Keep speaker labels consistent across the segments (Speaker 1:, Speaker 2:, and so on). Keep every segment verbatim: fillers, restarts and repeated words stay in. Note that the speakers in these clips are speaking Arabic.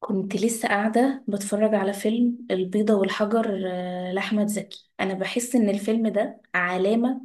Speaker 1: كنت لسه قاعدة بتفرج على فيلم البيضة والحجر آه، لأحمد زكي. أنا بحس إن الفيلم ده علامة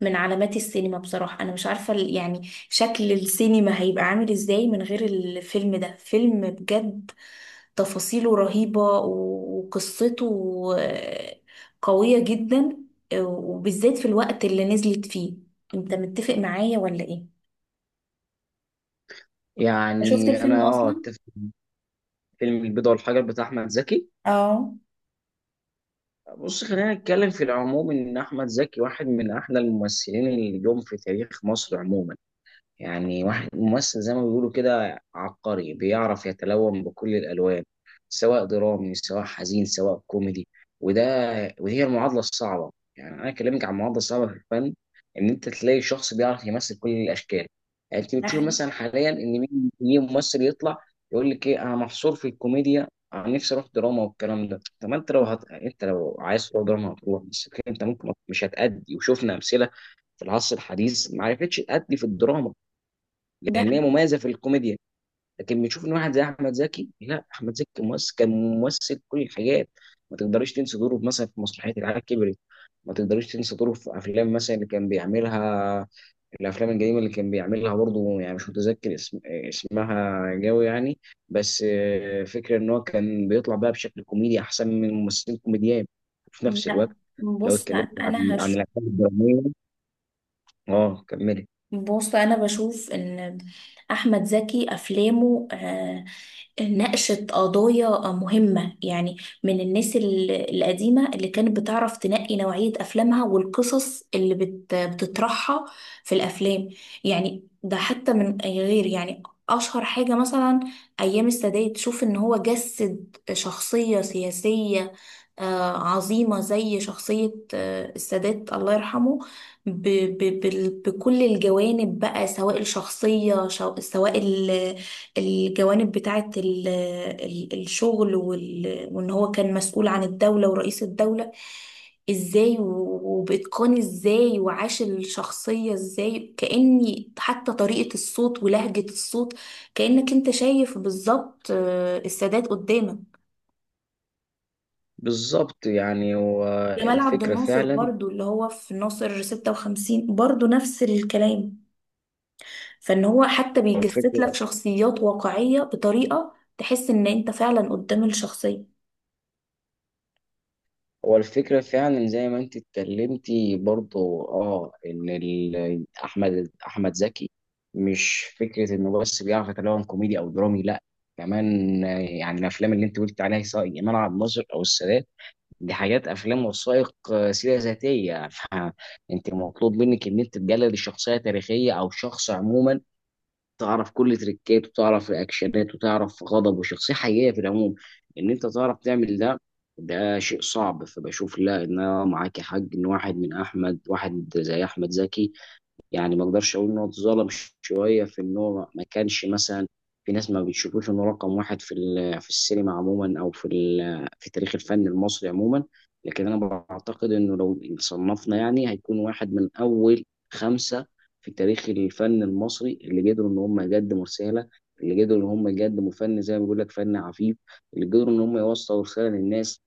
Speaker 1: من علامات السينما بصراحة. أنا مش عارفة ال- يعني شكل السينما هيبقى عامل إزاي من غير الفيلم ده. فيلم بجد، تفاصيله رهيبة و- وقصته آه، قوية جدا، آه، وبالذات في الوقت اللي نزلت فيه. أنت متفق معايا ولا إيه؟ أنا شفت
Speaker 2: يعني
Speaker 1: الفيلم
Speaker 2: انا اه
Speaker 1: أصلا؟
Speaker 2: اتفق مع فيلم البيضة والحجر بتاع احمد زكي.
Speaker 1: اه،
Speaker 2: بص، خلينا نتكلم في العموم، ان احمد زكي واحد من احلى الممثلين اللي جم في تاريخ مصر عموما. يعني واحد ممثل زي ما بيقولوا كده، عبقري بيعرف يتلون بكل الألوان، سواء درامي سواء حزين سواء كوميدي. وده ودي هي المعادلة الصعبة. يعني أنا أكلمك عن المعادلة الصعبة في الفن، إن أنت تلاقي شخص بيعرف يمثل كل الأشكال. يعني أنت
Speaker 1: ده
Speaker 2: بتشوف
Speaker 1: حقيقي.
Speaker 2: مثلا حاليا إن مين مين ممثل يطلع يقول لك إيه، أنا محصور في الكوميديا، أنا نفسي أروح دراما، والكلام ده. طب ما أنت لو هت... أنت لو عايز تروح دراما هتروح، بس الفكرة أنت ممكن مش هتأدي، وشفنا أمثلة في العصر الحديث ما عرفتش تأدي في الدراما
Speaker 1: ده،
Speaker 2: لان هي مميزه في الكوميديا. لكن بنشوف ان واحد زي احمد زكي، لا احمد زكي ممثل كان ممثل كل الحاجات. ما تقدريش تنسى دوره مثلا في مسرحيه العيال كبرت، ما تقدريش تنسى دوره في افلام مثلا اللي كان بيعملها، الافلام القديمه اللي كان بيعملها برضه، يعني مش متذكر اسم اسمها قوي يعني. بس آه، فكره ان هو كان بيطلع بقى بشكل كوميدي احسن من ممثلين كوميديان، وفي نفس
Speaker 1: لا،
Speaker 2: الوقت لو
Speaker 1: بص
Speaker 2: اتكلمت عن
Speaker 1: انا
Speaker 2: عن
Speaker 1: هش
Speaker 2: الافلام الدراميه. اه، كملي.
Speaker 1: بص، انا بشوف ان احمد زكي افلامه آه، ناقشت قضايا مهمة، يعني من الناس ال- القديمة اللي كانت بتعرف تنقي نوعية أفلامها والقصص اللي بت- بتطرحها في الأفلام. يعني ده حتى من أي غير، يعني أشهر حاجة مثلا أيام السادات. تشوف إن هو جسد شخصية سياسية آه، عظيمة زي شخصية آه، السادات الله يرحمه، ب- ب- بال- بكل الجوانب بقى، سواء الشخصية شو- سواء الجوانب بتاعة ال- ال- الشغل وال- وإن هو كان مسؤول عن الدولة ورئيس الدولة إزاي، و- وبإتقان إزاي، وعاش الشخصية إزاي، كأني حتى طريقة الصوت ولهجة الصوت كأنك أنت شايف بالظبط آه، السادات قدامك.
Speaker 2: بالظبط، يعني هو
Speaker 1: جمال عبد
Speaker 2: الفكرة
Speaker 1: الناصر
Speaker 2: فعلا.
Speaker 1: برضو اللي هو في ناصر ستة وخمسين برضو نفس الكلام. فإن هو حتى بيجسد لك
Speaker 2: والفكرة
Speaker 1: شخصيات واقعية بطريقة تحس إن أنت فعلا قدام الشخصية.
Speaker 2: والفكرة فعلا زي ما انت اتكلمتي برضو، اه ان ال- احمد احمد زكي، مش فكرة انه بس بيعرف يتكلم كوميدي او درامي، لا كمان آه، يعني الافلام اللي انت قلت عليها سواء ايمان عبد الناصر او السادات، دي حاجات افلام وثائق، آه، سيرة ذاتية. فانت مطلوب منك ان انت تجلد الشخصية تاريخية او شخص عموما، تعرف كل تريكات، وتعرف رياكشنات، وتعرف غضب وشخصية حقيقية في العموم، ان انت تعرف تعمل ده. ده شيء صعب. فبشوف لا، ان انا معاك يا حاج، ان واحد من احمد واحد زي احمد زكي، يعني ما اقدرش اقول ان هو اتظلم شويه في ان هو ما كانش مثلا، في ناس ما بتشوفوش انه رقم واحد في ال- في السينما عموما، او في ال- في تاريخ الفن المصري عموما. لكن انا بعتقد انه لو صنفنا، يعني هيكون واحد من اول خمسه في تاريخ الفن المصري، اللي قدروا ان هم يقدموا رساله، اللي قدروا ان هم يقدموا فن زي ما بيقول لك فن عفيف، اللي قدروا ان هم يوصلوا رساله للناس.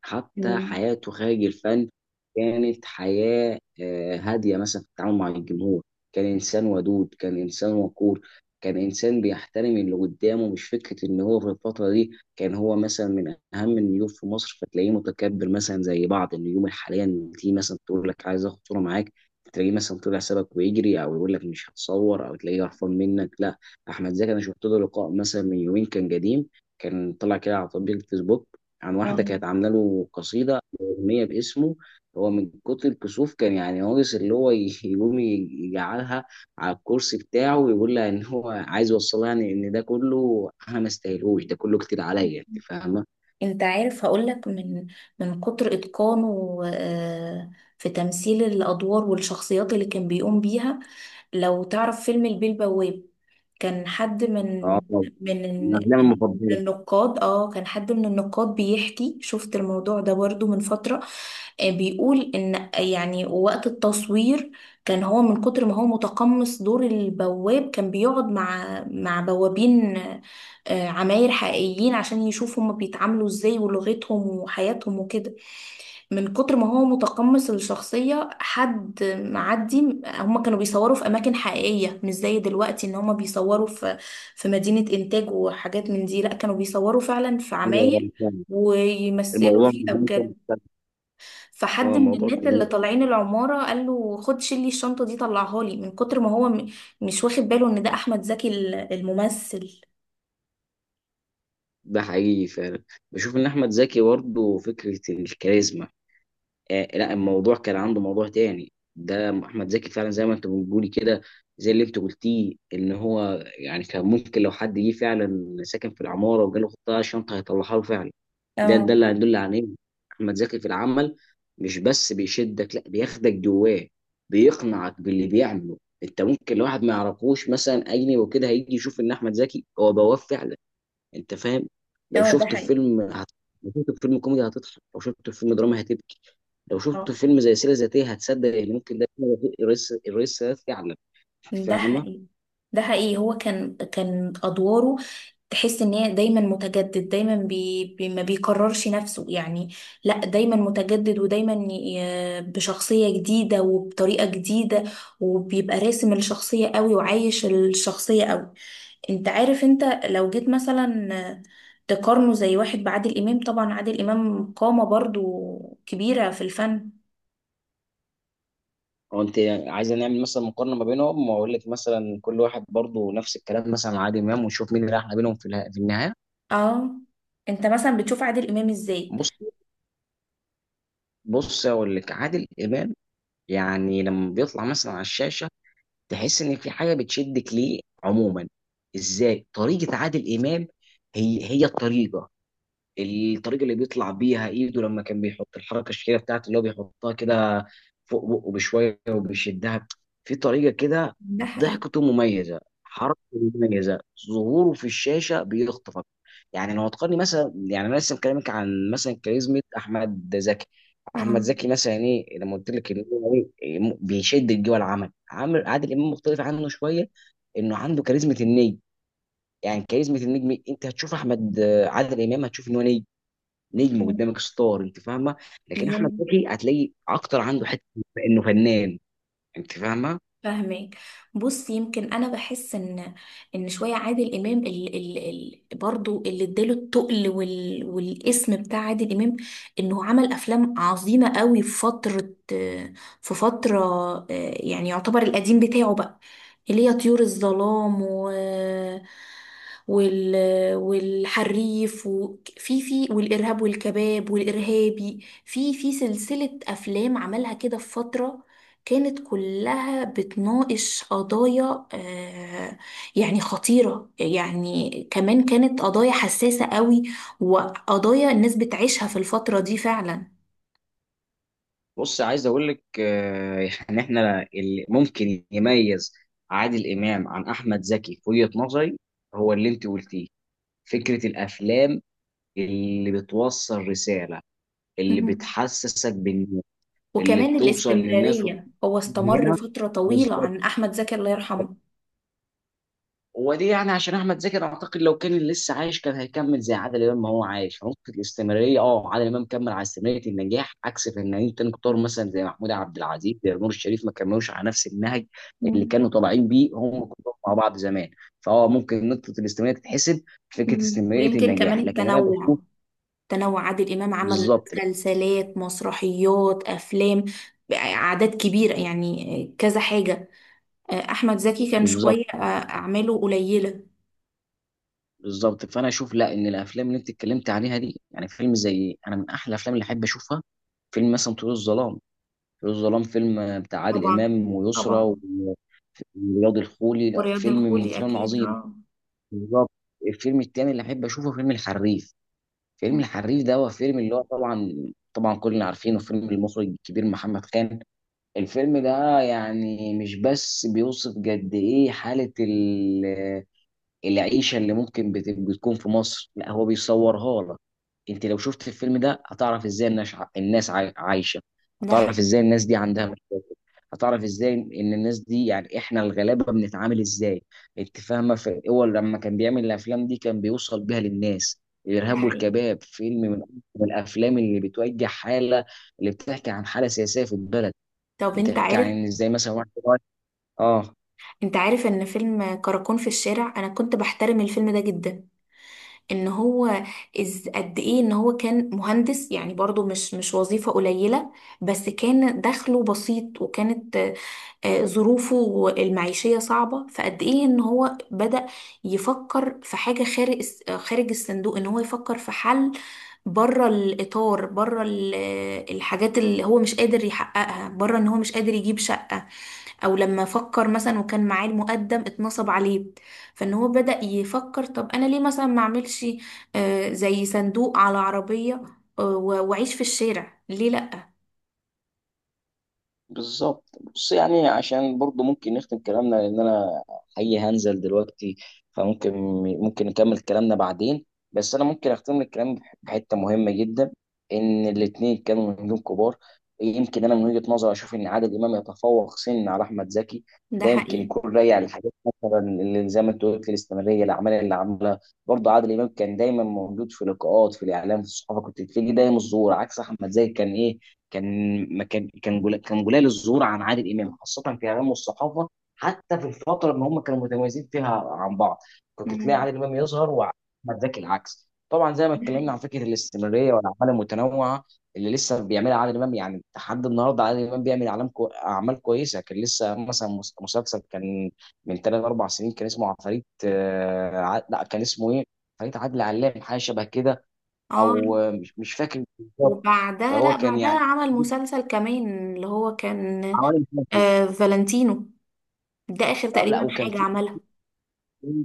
Speaker 2: حتى
Speaker 1: مم.
Speaker 2: حياته خارج الفن كانت حياة آه، هادية مثلا في التعامل مع الجمهور. كان إنسان ودود، كان إنسان وقور، كان إنسان بيحترم اللي قدامه. مش فكرة إن هو في الفترة دي كان هو مثلا من أهم النجوم في مصر فتلاقيه متكبر مثلا زي بعض النجوم الحالية، إن تيجي مثلا تقول لك عايز آخد صورة معاك تلاقيه مثلا طلع سابك ويجري، أو يقول لك مش هتصور، أو تلاقيه قرفان منك. لا، أحمد زكي. أنا شفت له لقاء مثلا من يومين، كان قديم، كان طلع كده على تطبيق الفيسبوك، عن واحدة
Speaker 1: اه،
Speaker 2: كانت عاملة له قصيدة أغنية باسمه. هو من كتر الكسوف، كان يعني ناقص اللي هو ي- يقوم ي- يجعلها على الكرسي بتاعه ويقول لها إن هو عايز يوصلها، يعني إن ده كله أنا ما استاهلوش، ده كله كتير عليا، أنت فاهمة؟
Speaker 1: انت عارف، هقولك من من كتر اتقانه آه، في تمثيل الادوار والشخصيات اللي كان بيقوم بيها. لو تعرف فيلم البيه البواب، كان حد من
Speaker 2: أه طبعا،
Speaker 1: من من
Speaker 2: من أفلامي
Speaker 1: من
Speaker 2: المفضلة.
Speaker 1: النقاد. اه، كان حد من النقاد بيحكي، شفت الموضوع ده برضو من فترة، آه، بيقول ان يعني وقت التصوير كان هو من كتر ما هو متقمص دور البواب، كان بيقعد مع مع بوابين آه، عماير حقيقيين عشان يشوف هما بيتعاملوا ازاي، ولغتهم وحياتهم وكده. من كتر ما هو متقمص الشخصية، حد معدي، هما كانوا بيصوروا في أماكن حقيقية، مش زي دلوقتي إن هما بيصوروا في في مدينة إنتاج وحاجات من دي. لأ، كانوا بيصوروا فعلا في
Speaker 2: أيوة، أنا
Speaker 1: عماير
Speaker 2: فاهم.
Speaker 1: ويمثلوا
Speaker 2: الموضوع مش
Speaker 1: فيها
Speaker 2: ممكن-
Speaker 1: بجد.
Speaker 2: هو
Speaker 1: فحد من
Speaker 2: الموضوع
Speaker 1: الناس
Speaker 2: كده.
Speaker 1: اللي طالعين العمارة قال له، خد شيل لي الشنطة دي طلعها لي، من كتر ما هو م- مش واخد باله إن ده أحمد زكي ال- الممثل.
Speaker 2: ده حقيقي فعلا، بشوف إن أحمد زكي برضه فكرة الكاريزما. آه لا، الموضوع كان عنده موضوع تاني، ده احمد زكي فعلا زي ما انت بتقولي كده، زي اللي انت قلتيه ان هو يعني كان ممكن لو حد جه فعلا ساكن في العماره وجاله خطه شنطه هيطلعها له فعلا. ده ده
Speaker 1: اه،
Speaker 2: اللي هيدل على ايه، احمد زكي في العمل مش بس بيشدك، لا بياخدك جواه، بيقنعك باللي بيعمله. انت ممكن لو واحد ما يعرفوش مثلا اجنبي وكده هيجي يشوف ان احمد زكي هو بواب فعلا. انت فاهم؟ لو
Speaker 1: اه، ده
Speaker 2: شفته في
Speaker 1: حقيقي.
Speaker 2: فيلم هت... لو شفته في فيلم كوميدي هتضحك، لو شفته في فيلم دراما هتبكي، لو
Speaker 1: اه،
Speaker 2: شفته في فيلم زي سيره ذاتيه هتصدق ان ممكن ده يكون الرئيس الرئيس السادات فعلا. انت
Speaker 1: ده
Speaker 2: فاهمه؟
Speaker 1: حقيقي. ده حقيقي. هو كان كان ادواره، تحس ان هي دايما متجدد، دايما بي بي ما بيكررش نفسه يعني. لا، دايما متجدد، ودايما ي- بشخصية جديدة وبطريقة جديدة، وبيبقى راسم الشخصية قوي وعايش الشخصية قوي. انت عارف، انت لو جيت مثلا تقارنه زي واحد بعادل امام، طبعا عادل امام قامة برضو كبيرة في الفن.
Speaker 2: او انت عايزه نعمل مثلا مقارنه ما بينهم، واقول لك مثلا كل واحد برضه نفس الكلام مثلا مع عادل امام، ونشوف مين اللي احلى بينهم في اله- في النهايه.
Speaker 1: اه، انت مثلا بتشوف عادل امام ازاي؟
Speaker 2: بص بص اقول لك، عادل امام يعني لما بيطلع مثلا على الشاشه، تحس ان في حاجه بتشدك ليه عموما. ازاي؟ طريقه عادل امام، هي هي الطريقه الطريقه اللي بيطلع بيها ايده لما كان بيحط الحركه الشهيره بتاعته اللي هو بيحطها كده، فوق بقه بشويه وبيشدها. في طريقه كده،
Speaker 1: ده حقيقي.
Speaker 2: ضحكته مميزه، حركته مميزه، ظهوره في الشاشه بيخطفك. يعني لو هتقارني مثلا، يعني انا لسه مكلمك عن مثلا كاريزما احمد زكي. احمد
Speaker 1: اه.
Speaker 2: زكي مثلا ايه لما قلت لك ان هو إيه، م- بيشدك جوه العمل. عامر عادل امام مختلف عنه شويه، انه عنده كاريزما النجم. يعني كاريزما النجم، انت هتشوف احمد عادل امام هتشوف ان هو نجم، نجم قدامك ستار. انت فاهمه؟ لكن
Speaker 1: ميم.
Speaker 2: احمد زكي هتلاقي اكتر عنده حته انه فنان. انت فاهمه؟
Speaker 1: فاهمك. بص، يمكن انا بحس ان ان شويه عادل امام ال ال ال برضو اللي اداله التقل وال والاسم بتاع عادل امام، انه عمل افلام عظيمه قوي في فتره، في فتره آه، يعني يعتبر القديم بتاعه بقى، اللي هي طيور الظلام و وال والحريف، وفي في والارهاب والكباب والارهابي، في في سلسله افلام عملها كده في فتره، كانت كلها بتناقش قضايا آه، يعني خطيرة، يعني كمان كانت قضايا حساسة قوي، وقضايا الناس بتعيشها في الفترة دي فعلا.
Speaker 2: بص عايز اقول لك آه، يعني احنا اللي ممكن يميز عادل امام عن احمد زكي في وجهه نظري، هو اللي انت قلتيه، فكره الافلام اللي بتوصل رساله، اللي
Speaker 1: مم.
Speaker 2: بتحسسك بالناس، اللي
Speaker 1: وكمان
Speaker 2: بتوصل للناس.
Speaker 1: الاستمرارية، هو استمر
Speaker 2: هنا
Speaker 1: فترة طويلة
Speaker 2: بالظبط.
Speaker 1: عن أحمد زكي الله يرحمه.
Speaker 2: ودي يعني عشان احمد زكي، اعتقد لو كان لسه عايش كان هيكمل زي عادل امام، ما هو عايش في نقطه الاستمراريه. اه عادل امام كمل على استمراريه النجاح عكس فنانين تاني كتار
Speaker 1: مم.
Speaker 2: مثلا زي محمود عبد العزيز، زي نور الشريف، ما كملوش على نفس النهج اللي
Speaker 1: مم.
Speaker 2: كانوا طالعين بيه هم كلهم مع بعض زمان. فهو ممكن نقطه الاستمراريه تتحسب، فكره
Speaker 1: مم.
Speaker 2: استمراريه
Speaker 1: ويمكن كمان
Speaker 2: النجاح. لكن انا بشوف
Speaker 1: التنوع. تنوع عادل إمام، عمل
Speaker 2: بالظبط،
Speaker 1: مسلسلات، مسرحيات، أفلام، أعداد كبيرة، يعني كذا حاجة. آه، احمد زكي كان
Speaker 2: بالظبط،
Speaker 1: شويه، آه، اعماله قليله.
Speaker 2: بالظبط. فانا اشوف لا، ان الافلام اللي انت اتكلمت عليها دي، يعني فيلم زي انا من احلى الافلام اللي احب اشوفها، فيلم مثلا طيور الظلام. طيور الظلام فيلم بتاع عادل
Speaker 1: طبعا،
Speaker 2: امام ويسرى
Speaker 1: طبعا،
Speaker 2: و- ورياض الخولي، لا
Speaker 1: ورياض
Speaker 2: فيلم من
Speaker 1: الخولي
Speaker 2: فيلم
Speaker 1: اكيد.
Speaker 2: عظيم.
Speaker 1: اه،
Speaker 2: بالظبط. الفيلم التاني اللي احب اشوفه فيلم الحريف. فيلم الحريف ده هو فيلم اللي هو طبعا، طبعا كلنا عارفينه، فيلم المخرج الكبير محمد خان. الفيلم ده يعني مش بس بيوصف قد ايه حالة العيشه اللي ممكن بت- بتكون في مصر، لا هو بيصورها لك. انت لو شفت الفيلم ده هتعرف ازاي الناس ع- الناس عاي- عايشه،
Speaker 1: ده
Speaker 2: هتعرف
Speaker 1: حقيقي.
Speaker 2: ازاي الناس دي عندها مشاكل، هتعرف ازاي ان الناس دي، يعني احنا الغلابه، بنتعامل ازاي. انت فاهمه؟ في هو لما كان بيعمل الافلام دي كان بيوصل بيها للناس.
Speaker 1: ده
Speaker 2: الارهاب
Speaker 1: حقيقي.
Speaker 2: والكباب فيلم من من الافلام اللي بتوجه حاله، اللي بتحكي عن حاله سياسيه في البلد،
Speaker 1: طب انت
Speaker 2: بتحكي
Speaker 1: عارف،
Speaker 2: عن ازاي مثلا واحد صغير- اه
Speaker 1: انت عارف ان فيلم كراكون في الشارع انا كنت بحترم الفيلم ده جدا. ان هو از قد ايه ان هو كان مهندس، يعني برضو مش مش وظيفة قليلة، بس كان دخله بسيط، وكانت آه، آه، ظروفه المعيشية صعبة. فقد ايه ان هو بدأ يفكر في حاجة خارج الس- آه، خارج الصندوق، ان هو يفكر في حل بره الإطار، بره ال- آه، الحاجات اللي هو مش قادر يحققها، بره ان هو مش قادر يجيب شقة. او لما فكر مثلا وكان معاه المقدم اتنصب عليه، فان هو بدأ يفكر طب انا ليه مثلا ما اعملش آه، زي صندوق على عربية آه، و- واعيش في الشارع، ليه لا.
Speaker 2: بالظبط. بص يعني عشان برضو ممكن نختم كلامنا، لان انا حقيقي هنزل دلوقتي، فممكن، ممكن نكمل كلامنا بعدين. بس انا ممكن اختم لك كلامي بح- بحته مهمه جدا، ان الاثنين كانوا نجوم كبار. يمكن انا من وجهه نظري اشوف ان عادل امام يتفوق سن على احمد زكي.
Speaker 1: ده
Speaker 2: ده يمكن
Speaker 1: حقيقي.
Speaker 2: يكون راجع لحاجات، مثلا اللي زي ما انت قلت الاستمراريه، الاعمال اللي عملها. برضه عادل امام كان دايما موجود في لقاءات، في الاعلام، في الصحافه، كنت تلاقيه دايما الظهور، عكس احمد زاهر. كان ايه كان ما كان كان جل- كان قليل الظهور عن عادل امام خاصه في اعلام والصحافه، حتى في الفتره اللي هم كانوا متميزين فيها عن بعض كنت تلاقي
Speaker 1: مم.
Speaker 2: عادل امام يظهر، واحمد زكي العكس طبعا، زي ما
Speaker 1: ده
Speaker 2: اتكلمنا
Speaker 1: حقيقي.
Speaker 2: عن فكره الاستمراريه والاعمال المتنوعه اللي لسه بيعملها عادل امام. يعني لحد النهارده عادل امام بيعمل اعلام كو... اعمال كويسه. كان لسه مثلا مس- مسلسل كان من ثلاث اربع سنين كان اسمه عفاريت آه، ع- لا، كان اسمه ايه؟ عفاريت عادل علام، حاجه شبه كده.
Speaker 1: اه.
Speaker 2: او آه، مش مش فاكر بالظبط.
Speaker 1: وبعدها،
Speaker 2: فهو
Speaker 1: لا،
Speaker 2: كان
Speaker 1: بعدها
Speaker 2: يعني
Speaker 1: عمل مسلسل كمان اللي هو كان
Speaker 2: عوالم كافيه.
Speaker 1: آه فالنتينو. ده اخر
Speaker 2: آه، لا،
Speaker 1: تقريبا
Speaker 2: وكان
Speaker 1: حاجة
Speaker 2: في
Speaker 1: عملها.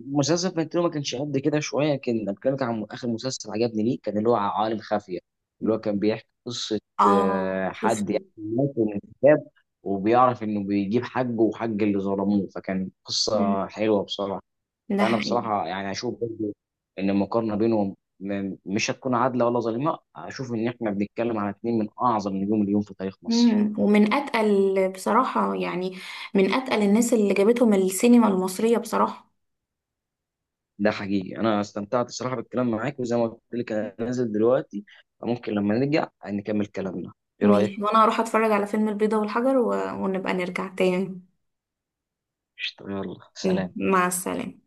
Speaker 2: مسلسل فانتينو، ما كانش قد كده شويه، كان كان عن اخر مسلسل عجبني ليه، كان اللي هو عوالم خافيه، اللي هو كان بيحكي قصه
Speaker 1: اه،
Speaker 2: آه، حد
Speaker 1: شفته.
Speaker 2: يعني مات من الكتاب، وبيعرف انه بيجيب حقه وحق اللي ظلموه. فكان
Speaker 1: مم.
Speaker 2: قصه حلوه بصراحه.
Speaker 1: ده
Speaker 2: فانا
Speaker 1: حقيقي.
Speaker 2: بصراحه يعني اشوف برضو ان المقارنه بينهم م- مش هتكون عادله ولا ظالمه، اشوف ان احنا بنتكلم على اتنين من اعظم نجوم اليوم في تاريخ مصر.
Speaker 1: مم. ومن اتقل بصراحة، يعني من اتقل الناس اللي جابتهم السينما المصرية بصراحة.
Speaker 2: ده حقيقي، انا استمتعت الصراحه بالكلام معاك، وزي ما قلت لك انا نازل دلوقتي. ممكن لما نرجع نكمل كلامنا. ايه رايك؟
Speaker 1: ماشي، وانا هروح اتفرج على فيلم البيضة والحجر و... ونبقى نرجع تاني.
Speaker 2: قشطة، يلا
Speaker 1: مم.
Speaker 2: سلام.
Speaker 1: مع السلامة.